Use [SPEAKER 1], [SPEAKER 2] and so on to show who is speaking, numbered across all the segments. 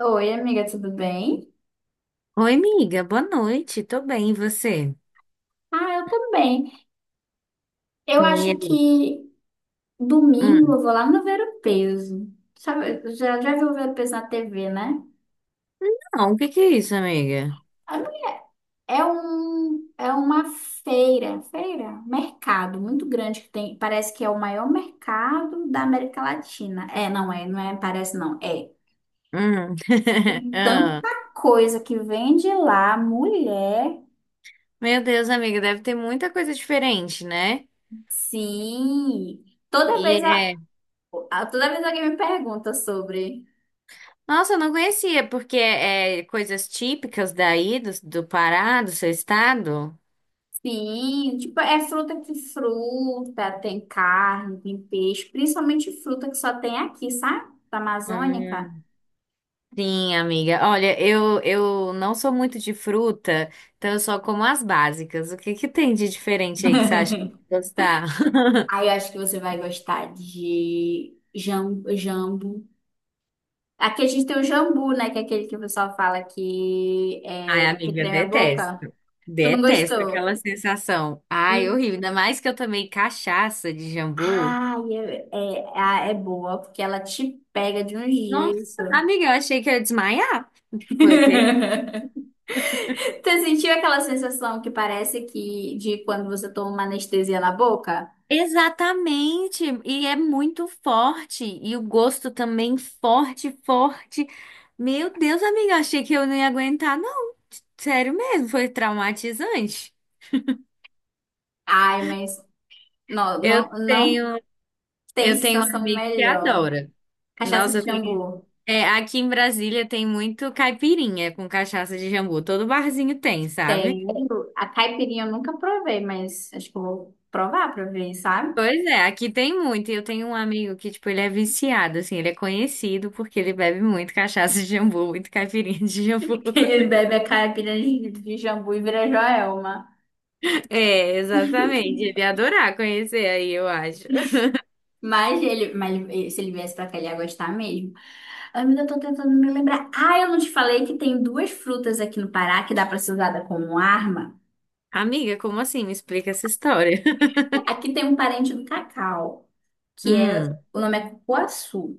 [SPEAKER 1] Oi, amiga, tudo bem?
[SPEAKER 2] Oi, amiga, boa noite. Tô bem, e você?
[SPEAKER 1] Ah, eu tô bem. Eu
[SPEAKER 2] E
[SPEAKER 1] acho
[SPEAKER 2] aí?
[SPEAKER 1] que domingo
[SPEAKER 2] Hum.
[SPEAKER 1] eu vou lá no Ver o Peso. Sabe, já viu o Ver o Peso na TV, né?
[SPEAKER 2] Não, o que que é isso, amiga?
[SPEAKER 1] É uma mercado muito grande que tem, parece que é o maior mercado da América Latina. É, parece não, é.
[SPEAKER 2] Hum.
[SPEAKER 1] Tem
[SPEAKER 2] Ah.
[SPEAKER 1] tanta coisa que vende lá, mulher.
[SPEAKER 2] Meu Deus, amiga, deve ter muita coisa diferente, né?
[SPEAKER 1] Sim. Toda
[SPEAKER 2] E
[SPEAKER 1] vez a,
[SPEAKER 2] é...
[SPEAKER 1] Toda vez alguém me pergunta sobre.
[SPEAKER 2] Nossa, eu não conhecia, porque é coisas típicas daí, do Pará, do seu estado?
[SPEAKER 1] Sim, tipo, é fruta, tem carne, tem peixe, principalmente fruta que só tem aqui, sabe? Da Amazônica.
[SPEAKER 2] Hum. Sim, amiga. Olha, eu não sou muito de fruta, então eu só como as básicas. O que que tem de diferente aí que você acha que eu vou gostar?
[SPEAKER 1] Aí eu acho que você vai gostar de jambu. Aqui a gente tem o jambu, né? Que é aquele que o pessoal fala que,
[SPEAKER 2] Ai,
[SPEAKER 1] é, que
[SPEAKER 2] amiga,
[SPEAKER 1] treme a boca.
[SPEAKER 2] detesto.
[SPEAKER 1] Tu não
[SPEAKER 2] Detesto
[SPEAKER 1] gostou?
[SPEAKER 2] aquela sensação. Ai,
[SPEAKER 1] Hum.
[SPEAKER 2] horrível. Ainda mais que eu tomei cachaça de jambu.
[SPEAKER 1] Ai, é boa, porque ela te pega de um
[SPEAKER 2] Nossa,
[SPEAKER 1] jeito.
[SPEAKER 2] amiga, eu achei que eu ia desmaiar. Foi ter.
[SPEAKER 1] Tu sentiu aquela sensação que parece que de quando você toma uma anestesia na boca?
[SPEAKER 2] Exatamente. E é muito forte. E o gosto também forte, forte. Meu Deus, amiga, eu achei que eu não ia aguentar, não. Sério mesmo, foi traumatizante.
[SPEAKER 1] Ai, mas não,
[SPEAKER 2] Eu
[SPEAKER 1] não, não
[SPEAKER 2] tenho,
[SPEAKER 1] tem
[SPEAKER 2] eu tenho um
[SPEAKER 1] sensação
[SPEAKER 2] amigo que
[SPEAKER 1] melhor.
[SPEAKER 2] adora.
[SPEAKER 1] Cachaça de
[SPEAKER 2] Nossa, tem.
[SPEAKER 1] jambu.
[SPEAKER 2] É, aqui em Brasília tem muito caipirinha com cachaça de jambu. Todo barzinho tem,
[SPEAKER 1] Tem.
[SPEAKER 2] sabe?
[SPEAKER 1] A caipirinha eu nunca provei, mas acho que eu vou provar pra ver, sabe?
[SPEAKER 2] Pois é, aqui tem muito. E eu tenho um amigo que, tipo, ele é viciado, assim, ele é conhecido porque ele bebe muito cachaça de jambu, muito caipirinha de jambu.
[SPEAKER 1] Que ele bebe a caipirinha de jambu e vira Joelma.
[SPEAKER 2] É, exatamente. Ele ia adorar conhecer aí, eu acho.
[SPEAKER 1] Se ele viesse pra cá, ele ia gostar mesmo. Ai, mas eu tô tentando me lembrar. Ah, eu não te falei que tem duas frutas aqui no Pará que dá pra ser usada como arma?
[SPEAKER 2] Amiga, como assim? Me explica essa história.
[SPEAKER 1] Aqui tem um parente do cacau, que é,
[SPEAKER 2] Hum,
[SPEAKER 1] o nome é cupuaçu.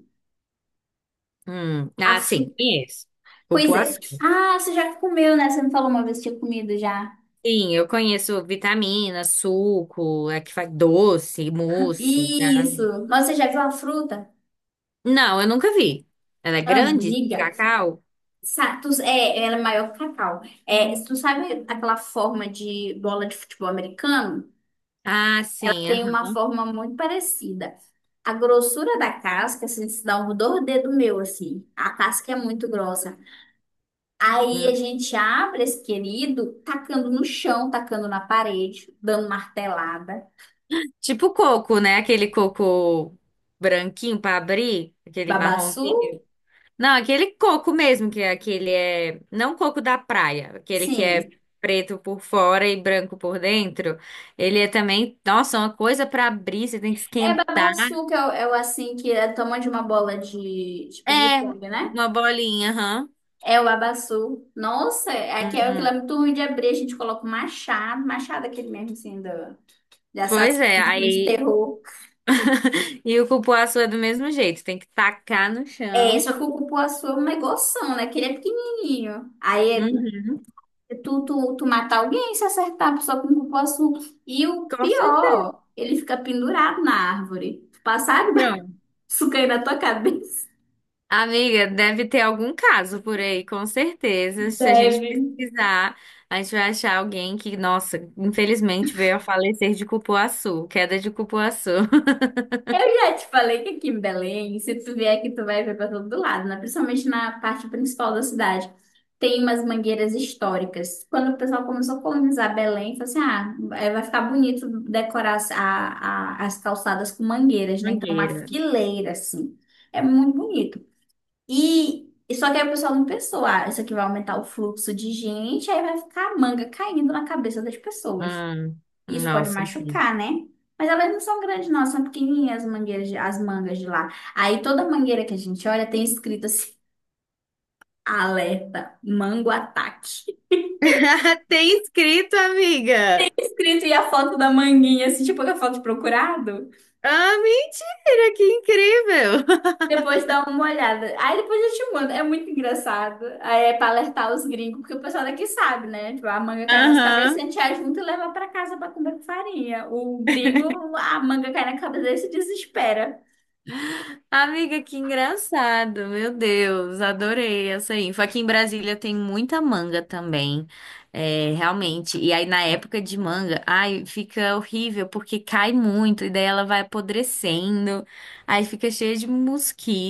[SPEAKER 2] hum. Ah, sim, conheço.
[SPEAKER 1] Pois é.
[SPEAKER 2] Cupuaçu.
[SPEAKER 1] Ah, você já comeu, né? Você me falou uma vez que tinha comido já.
[SPEAKER 2] Sim, eu conheço vitamina, suco, é que faz doce, mousse, tá?
[SPEAKER 1] Isso. Mas você já viu a fruta?
[SPEAKER 2] Não, eu nunca vi. Ela é grande, de
[SPEAKER 1] Amiga.
[SPEAKER 2] cacau?
[SPEAKER 1] É, ela é maior que cacau. É, tu sabe aquela forma de bola de futebol americano?
[SPEAKER 2] Ah,
[SPEAKER 1] Ela
[SPEAKER 2] sim,
[SPEAKER 1] tem uma
[SPEAKER 2] aham.
[SPEAKER 1] forma muito parecida. A grossura da casca, assim, se dá um do dedo meu, assim. A casca é muito grossa. Aí a
[SPEAKER 2] Hum.
[SPEAKER 1] gente abre esse querido, tacando no chão, tacando na parede, dando martelada.
[SPEAKER 2] Tipo coco, né? Aquele coco branquinho para abrir, aquele
[SPEAKER 1] Babaçu?
[SPEAKER 2] marronzinho. Não, aquele coco mesmo, que é aquele é. Não coco da praia, aquele que é
[SPEAKER 1] Sim.
[SPEAKER 2] preto por fora e branco por dentro. Ele é também, nossa, uma coisa para abrir, você tem que
[SPEAKER 1] É
[SPEAKER 2] esquentar.
[SPEAKER 1] babassu que é o, que é tamanho de uma bola de
[SPEAKER 2] É,
[SPEAKER 1] ping-pong, né?
[SPEAKER 2] uma bolinha, aham.
[SPEAKER 1] É o babassu. Nossa, aqui é aquilo
[SPEAKER 2] Uhum.
[SPEAKER 1] é muito ruim de abrir, a gente coloca o machado, machado é aquele mesmo, assim, do, de
[SPEAKER 2] Pois
[SPEAKER 1] assassino
[SPEAKER 2] é,
[SPEAKER 1] de filme de
[SPEAKER 2] aí.
[SPEAKER 1] terror.
[SPEAKER 2] E o cupuaçu é do mesmo jeito, tem que tacar no
[SPEAKER 1] É,
[SPEAKER 2] chão.
[SPEAKER 1] só que o cupuaçu é um negoção, né? Que ele é pequenininho. Aí
[SPEAKER 2] Uhum.
[SPEAKER 1] é tu matar alguém se acertar só com o cupuaçu. E o
[SPEAKER 2] Com certeza.
[SPEAKER 1] pior, ele fica pendurado na árvore. Passar de
[SPEAKER 2] Pronto.
[SPEAKER 1] babaçu cair na tua cabeça.
[SPEAKER 2] Amiga, deve ter algum caso por aí, com certeza. Se a gente
[SPEAKER 1] Deve.
[SPEAKER 2] pesquisar, a gente vai achar alguém que, nossa, infelizmente veio a falecer de cupuaçu, queda de cupuaçu.
[SPEAKER 1] Eu já te falei que aqui em Belém, se tu vier aqui, tu vai ver para todo lado, né? Principalmente na parte principal da cidade. Tem umas mangueiras históricas. Quando o pessoal começou a colonizar Belém, falou assim: ah, eh, vai ficar bonito decorar as calçadas com mangueiras, né? Então, uma
[SPEAKER 2] Mangueira.
[SPEAKER 1] fileira, assim. É muito bonito. E só que aí o pessoal não pensou: ah, isso aqui vai aumentar o fluxo de gente, aí vai ficar a manga caindo na cabeça das pessoas.
[SPEAKER 2] Hum,
[SPEAKER 1] Isso pode
[SPEAKER 2] nossa, aqui.
[SPEAKER 1] machucar, né? Mas elas não são grandes, não, são pequenininhas as mangueiras, as mangas de lá. Aí toda mangueira que a gente olha tem escrito assim: alerta, mango ataque.
[SPEAKER 2] Tem escrito, amiga.
[SPEAKER 1] Escrito e a foto da manguinha, assim, tipo a foto de procurado.
[SPEAKER 2] Ah, mentira, que incrível.
[SPEAKER 1] Depois dá uma olhada. Aí depois eu te mando. É muito engraçado. Aí é pra alertar os gringos, porque o pessoal daqui sabe, né? Tipo, a manga cai nas cabeças, a
[SPEAKER 2] Aham.
[SPEAKER 1] gente ajunta e leva pra casa pra comer com farinha. O gringo, a manga cai na cabeça dele e se desespera.
[SPEAKER 2] Amiga, que engraçado, meu Deus, adorei essa info. Aqui em Brasília tem muita manga também, é, realmente. E aí na época de manga, ai, fica horrível porque cai muito e daí ela vai apodrecendo, aí fica cheia de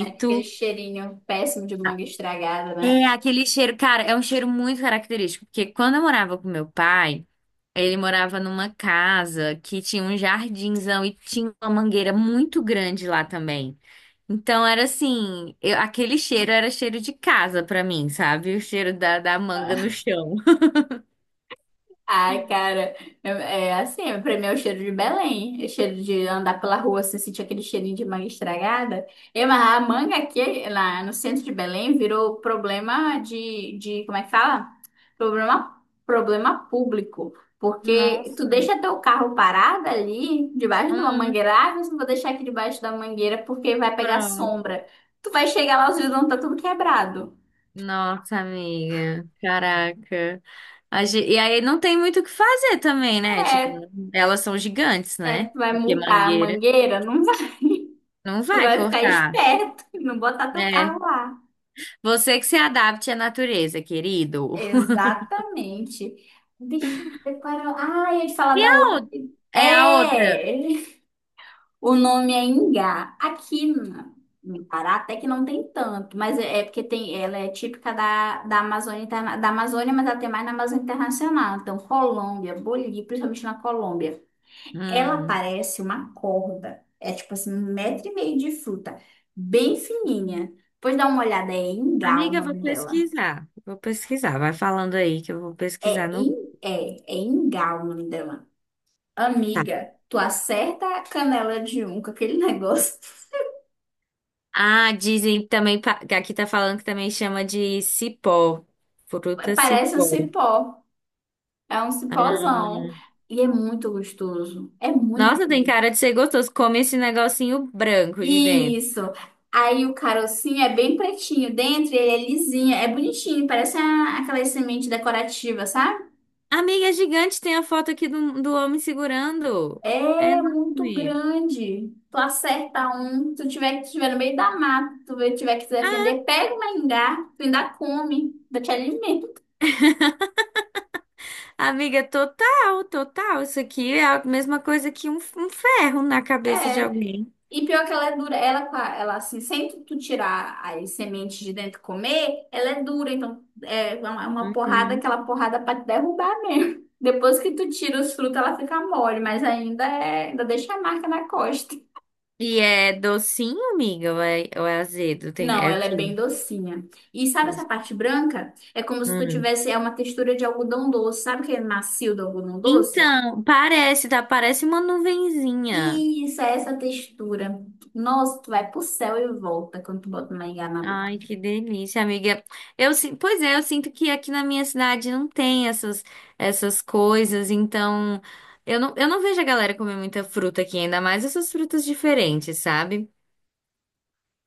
[SPEAKER 1] É aquele cheirinho péssimo de manga estragada,
[SPEAKER 2] É,
[SPEAKER 1] né?
[SPEAKER 2] aquele cheiro, cara, é um cheiro muito característico, porque quando eu morava com meu pai, ele morava numa casa que tinha um jardinzão e tinha uma mangueira muito grande lá também. Então era assim, aquele cheiro era cheiro de casa pra mim, sabe? O cheiro da manga no chão.
[SPEAKER 1] Ai, cara, é é assim, pra mim é o cheiro de Belém, é o cheiro de andar pela rua, assim, sentir aquele cheirinho de manga estragada. E, mas a manga aqui, lá no centro de Belém, virou problema como é que fala? Problema público, porque tu
[SPEAKER 2] Nossa,
[SPEAKER 1] deixa teu carro parado ali, debaixo de uma
[SPEAKER 2] hum,
[SPEAKER 1] mangueira, ah, mas não vou deixar aqui debaixo da mangueira porque vai pegar
[SPEAKER 2] pronto.
[SPEAKER 1] sombra. Tu vai chegar lá, os vidros vão estar tudo quebrado.
[SPEAKER 2] Nossa, amiga, caraca. E aí não tem muito o que fazer também, né? Tipo,
[SPEAKER 1] É,
[SPEAKER 2] elas são gigantes,
[SPEAKER 1] É,
[SPEAKER 2] né?
[SPEAKER 1] tu vai
[SPEAKER 2] Porque
[SPEAKER 1] multar a
[SPEAKER 2] mangueira
[SPEAKER 1] mangueira? Não vai.
[SPEAKER 2] não
[SPEAKER 1] Tu
[SPEAKER 2] vai
[SPEAKER 1] vai ficar
[SPEAKER 2] cortar,
[SPEAKER 1] esperto, não botar teu carro
[SPEAKER 2] né?
[SPEAKER 1] lá.
[SPEAKER 2] Você que se adapte à natureza, querido.
[SPEAKER 1] Exatamente. Deixa eu ver qual era. Ah, ia te falar da outra.
[SPEAKER 2] ou- É a outra.
[SPEAKER 1] É! O nome é Ingá. No Pará até que não tem tanto, mas é porque tem, ela é típica da, da Amazônia, da Amazônia, mas ela tem mais na Amazônia Internacional. Então, Colômbia, Bolívia, principalmente na Colômbia. Ela
[SPEAKER 2] Hum.
[SPEAKER 1] parece uma corda. É tipo assim, um metro e meio de fruta. Bem fininha. Pois dá uma olhada, é Engal o
[SPEAKER 2] Amiga, eu vou
[SPEAKER 1] nome dela.
[SPEAKER 2] pesquisar. Vou pesquisar. Vai falando aí que eu vou pesquisar
[SPEAKER 1] É,
[SPEAKER 2] no.
[SPEAKER 1] in, é Engal o nome dela.
[SPEAKER 2] Tá.
[SPEAKER 1] Amiga, tu acerta a canela de um com aquele negócio.
[SPEAKER 2] Ah, dizem também. Pa- que Aqui tá falando que também chama de cipó. Fruta
[SPEAKER 1] Parece um
[SPEAKER 2] cipó.
[SPEAKER 1] cipó. É um cipózão. E é muito gostoso. É muito
[SPEAKER 2] Nossa, tem
[SPEAKER 1] doce.
[SPEAKER 2] cara de ser gostoso. Come esse negocinho branco de dentro.
[SPEAKER 1] Isso. Aí o carocinho é bem pretinho dentro, ele é lisinho, é bonitinho, parece aquelas sementes decorativas, sabe?
[SPEAKER 2] Amiga, é gigante. Tem a foto aqui do homem segurando. É
[SPEAKER 1] É muito
[SPEAKER 2] enorme.
[SPEAKER 1] grande. Tu acerta um, se tiver no meio da mata, tiver que se
[SPEAKER 2] Ah,
[SPEAKER 1] defender, pega uma engar, tu ainda come, ainda te alimenta.
[SPEAKER 2] amiga, total, total. Isso aqui é a mesma coisa que um ferro na cabeça de
[SPEAKER 1] É.
[SPEAKER 2] alguém.
[SPEAKER 1] E pior que ela é dura, ela, ela assim, sem tu tirar as sementes de dentro e comer, ela é dura, então é uma porrada,
[SPEAKER 2] Uhum.
[SPEAKER 1] aquela porrada pra te derrubar mesmo. Depois que tu tira os frutos, ela fica mole, mas ainda deixa a marca na costa.
[SPEAKER 2] E é docinho, amiga? Ou ou é azedo? Tem,
[SPEAKER 1] Não,
[SPEAKER 2] é o
[SPEAKER 1] ela é bem
[SPEAKER 2] quê?
[SPEAKER 1] docinha. E sabe essa parte branca? É como se tu
[SPEAKER 2] Hum.
[SPEAKER 1] tivesse é uma textura de algodão doce. Sabe aquele macio do algodão doce?
[SPEAKER 2] Então, parece, tá? Parece uma nuvenzinha.
[SPEAKER 1] Isso, é essa textura. Nossa, tu vai pro céu e volta quando tu bota mingau na boca.
[SPEAKER 2] Ai, que delícia, amiga. Pois é, eu sinto que aqui na minha cidade não tem essas, essas coisas, então eu não vejo a galera comer muita fruta aqui, ainda mais essas frutas diferentes, sabe?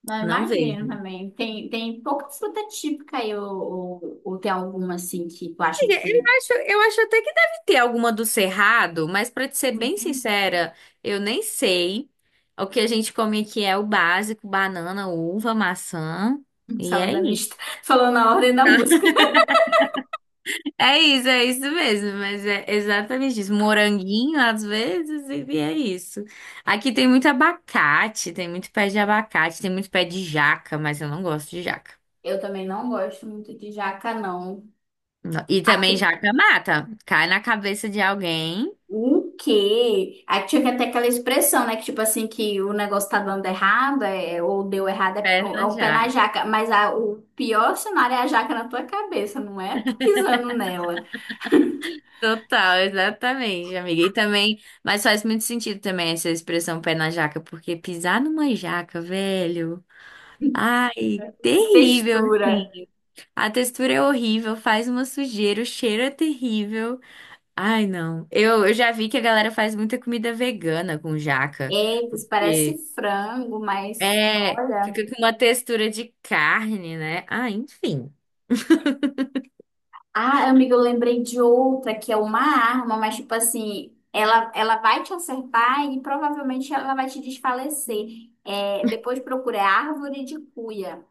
[SPEAKER 1] Não,
[SPEAKER 2] Não
[SPEAKER 1] imagino
[SPEAKER 2] vejo.
[SPEAKER 1] também. Tem, tem pouca fruta típica aí, ou tem alguma assim que tu acha
[SPEAKER 2] Eu
[SPEAKER 1] que.
[SPEAKER 2] eu acho até que deve ter alguma do Cerrado, mas pra te ser bem
[SPEAKER 1] Uhum.
[SPEAKER 2] sincera, eu nem sei. O que a gente come aqui é o básico, banana, uva, maçã, e é
[SPEAKER 1] Salada
[SPEAKER 2] isso.
[SPEAKER 1] mista, falando na ordem da música.
[SPEAKER 2] É isso mesmo, mas é exatamente isso. Moranguinho, às vezes, e é isso. Aqui tem muito abacate, tem muito pé de abacate, tem muito pé de jaca, mas eu não gosto de jaca.
[SPEAKER 1] Eu também não gosto muito de jaca, não.
[SPEAKER 2] Não. E também
[SPEAKER 1] Aqui
[SPEAKER 2] jaca mata, cai na cabeça de alguém,
[SPEAKER 1] o quê? Aí tinha até aquela expressão, né? Que tipo assim, que o negócio tá dando errado, é, ou deu errado, é,
[SPEAKER 2] pé
[SPEAKER 1] é
[SPEAKER 2] na
[SPEAKER 1] um pé na
[SPEAKER 2] jaca.
[SPEAKER 1] jaca. Mas o pior cenário é a jaca na tua cabeça, não é? Tu pisando nela.
[SPEAKER 2] Total, exatamente, amiga. E também, mas faz muito sentido também essa expressão pé na jaca, porque pisar numa jaca, velho, ai, terrível,
[SPEAKER 1] Textura.
[SPEAKER 2] assim. A textura é horrível, faz uma sujeira, o cheiro é terrível. Ai, não. Eu já vi que a galera faz muita comida vegana com jaca.
[SPEAKER 1] Eita, isso parece
[SPEAKER 2] E
[SPEAKER 1] frango, mas
[SPEAKER 2] é,
[SPEAKER 1] olha.
[SPEAKER 2] fica com uma textura de carne, né? Ah, enfim,
[SPEAKER 1] Ah, amiga, eu lembrei de outra que é uma arma, mas tipo assim, ela vai te acertar e provavelmente ela vai te desfalecer. É, depois procura é árvore de cuia.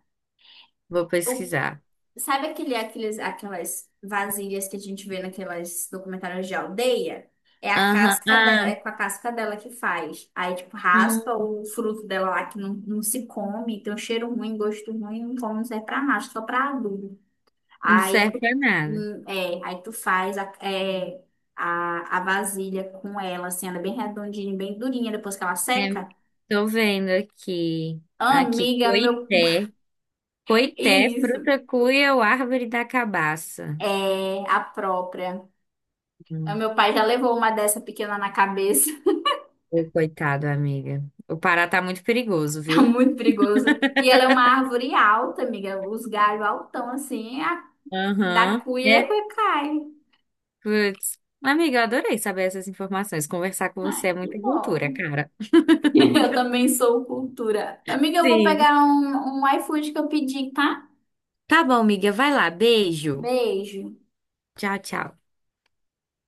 [SPEAKER 2] vou pesquisar.
[SPEAKER 1] Sabe aquelas vasilhas que a gente vê naquelas documentários de aldeia? É a
[SPEAKER 2] Aham,
[SPEAKER 1] casca dela, é
[SPEAKER 2] ah,
[SPEAKER 1] com a casca dela que faz. Aí, tipo, raspa
[SPEAKER 2] hum,
[SPEAKER 1] o fruto dela lá que não se come, tem um cheiro ruim, gosto ruim, não come, não serve pra nada, só pra adubo.
[SPEAKER 2] não
[SPEAKER 1] Aí
[SPEAKER 2] serve pra nada.
[SPEAKER 1] aí tu faz a, é, a vasilha com ela, assim, ela é bem redondinha, bem durinha, depois que ela
[SPEAKER 2] É,
[SPEAKER 1] seca.
[SPEAKER 2] tô vendo aqui. Aqui,
[SPEAKER 1] Amiga, meu.
[SPEAKER 2] coité. Coité,
[SPEAKER 1] Isso.
[SPEAKER 2] fruta cuia ou árvore da cabaça.
[SPEAKER 1] É a própria. O
[SPEAKER 2] Hum.
[SPEAKER 1] meu pai já levou uma dessa pequena na cabeça.
[SPEAKER 2] Ô, coitado, amiga. O Pará tá muito perigoso,
[SPEAKER 1] Tá
[SPEAKER 2] viu?
[SPEAKER 1] muito perigoso. E ela é uma árvore alta, amiga. Os galhos altão, assim. A, da
[SPEAKER 2] Aham.
[SPEAKER 1] cuia,
[SPEAKER 2] É,
[SPEAKER 1] a cai.
[SPEAKER 2] putz. Amiga, eu adorei saber essas informações. Conversar com
[SPEAKER 1] Ai,
[SPEAKER 2] você é
[SPEAKER 1] que
[SPEAKER 2] muita
[SPEAKER 1] bom.
[SPEAKER 2] cultura, cara.
[SPEAKER 1] Eu também sou cultura. Amiga, eu vou
[SPEAKER 2] Sim.
[SPEAKER 1] pegar um iFood que eu pedi, tá?
[SPEAKER 2] Tá bom, amiga. Vai lá. Beijo.
[SPEAKER 1] Beijo.
[SPEAKER 2] Tchau, tchau.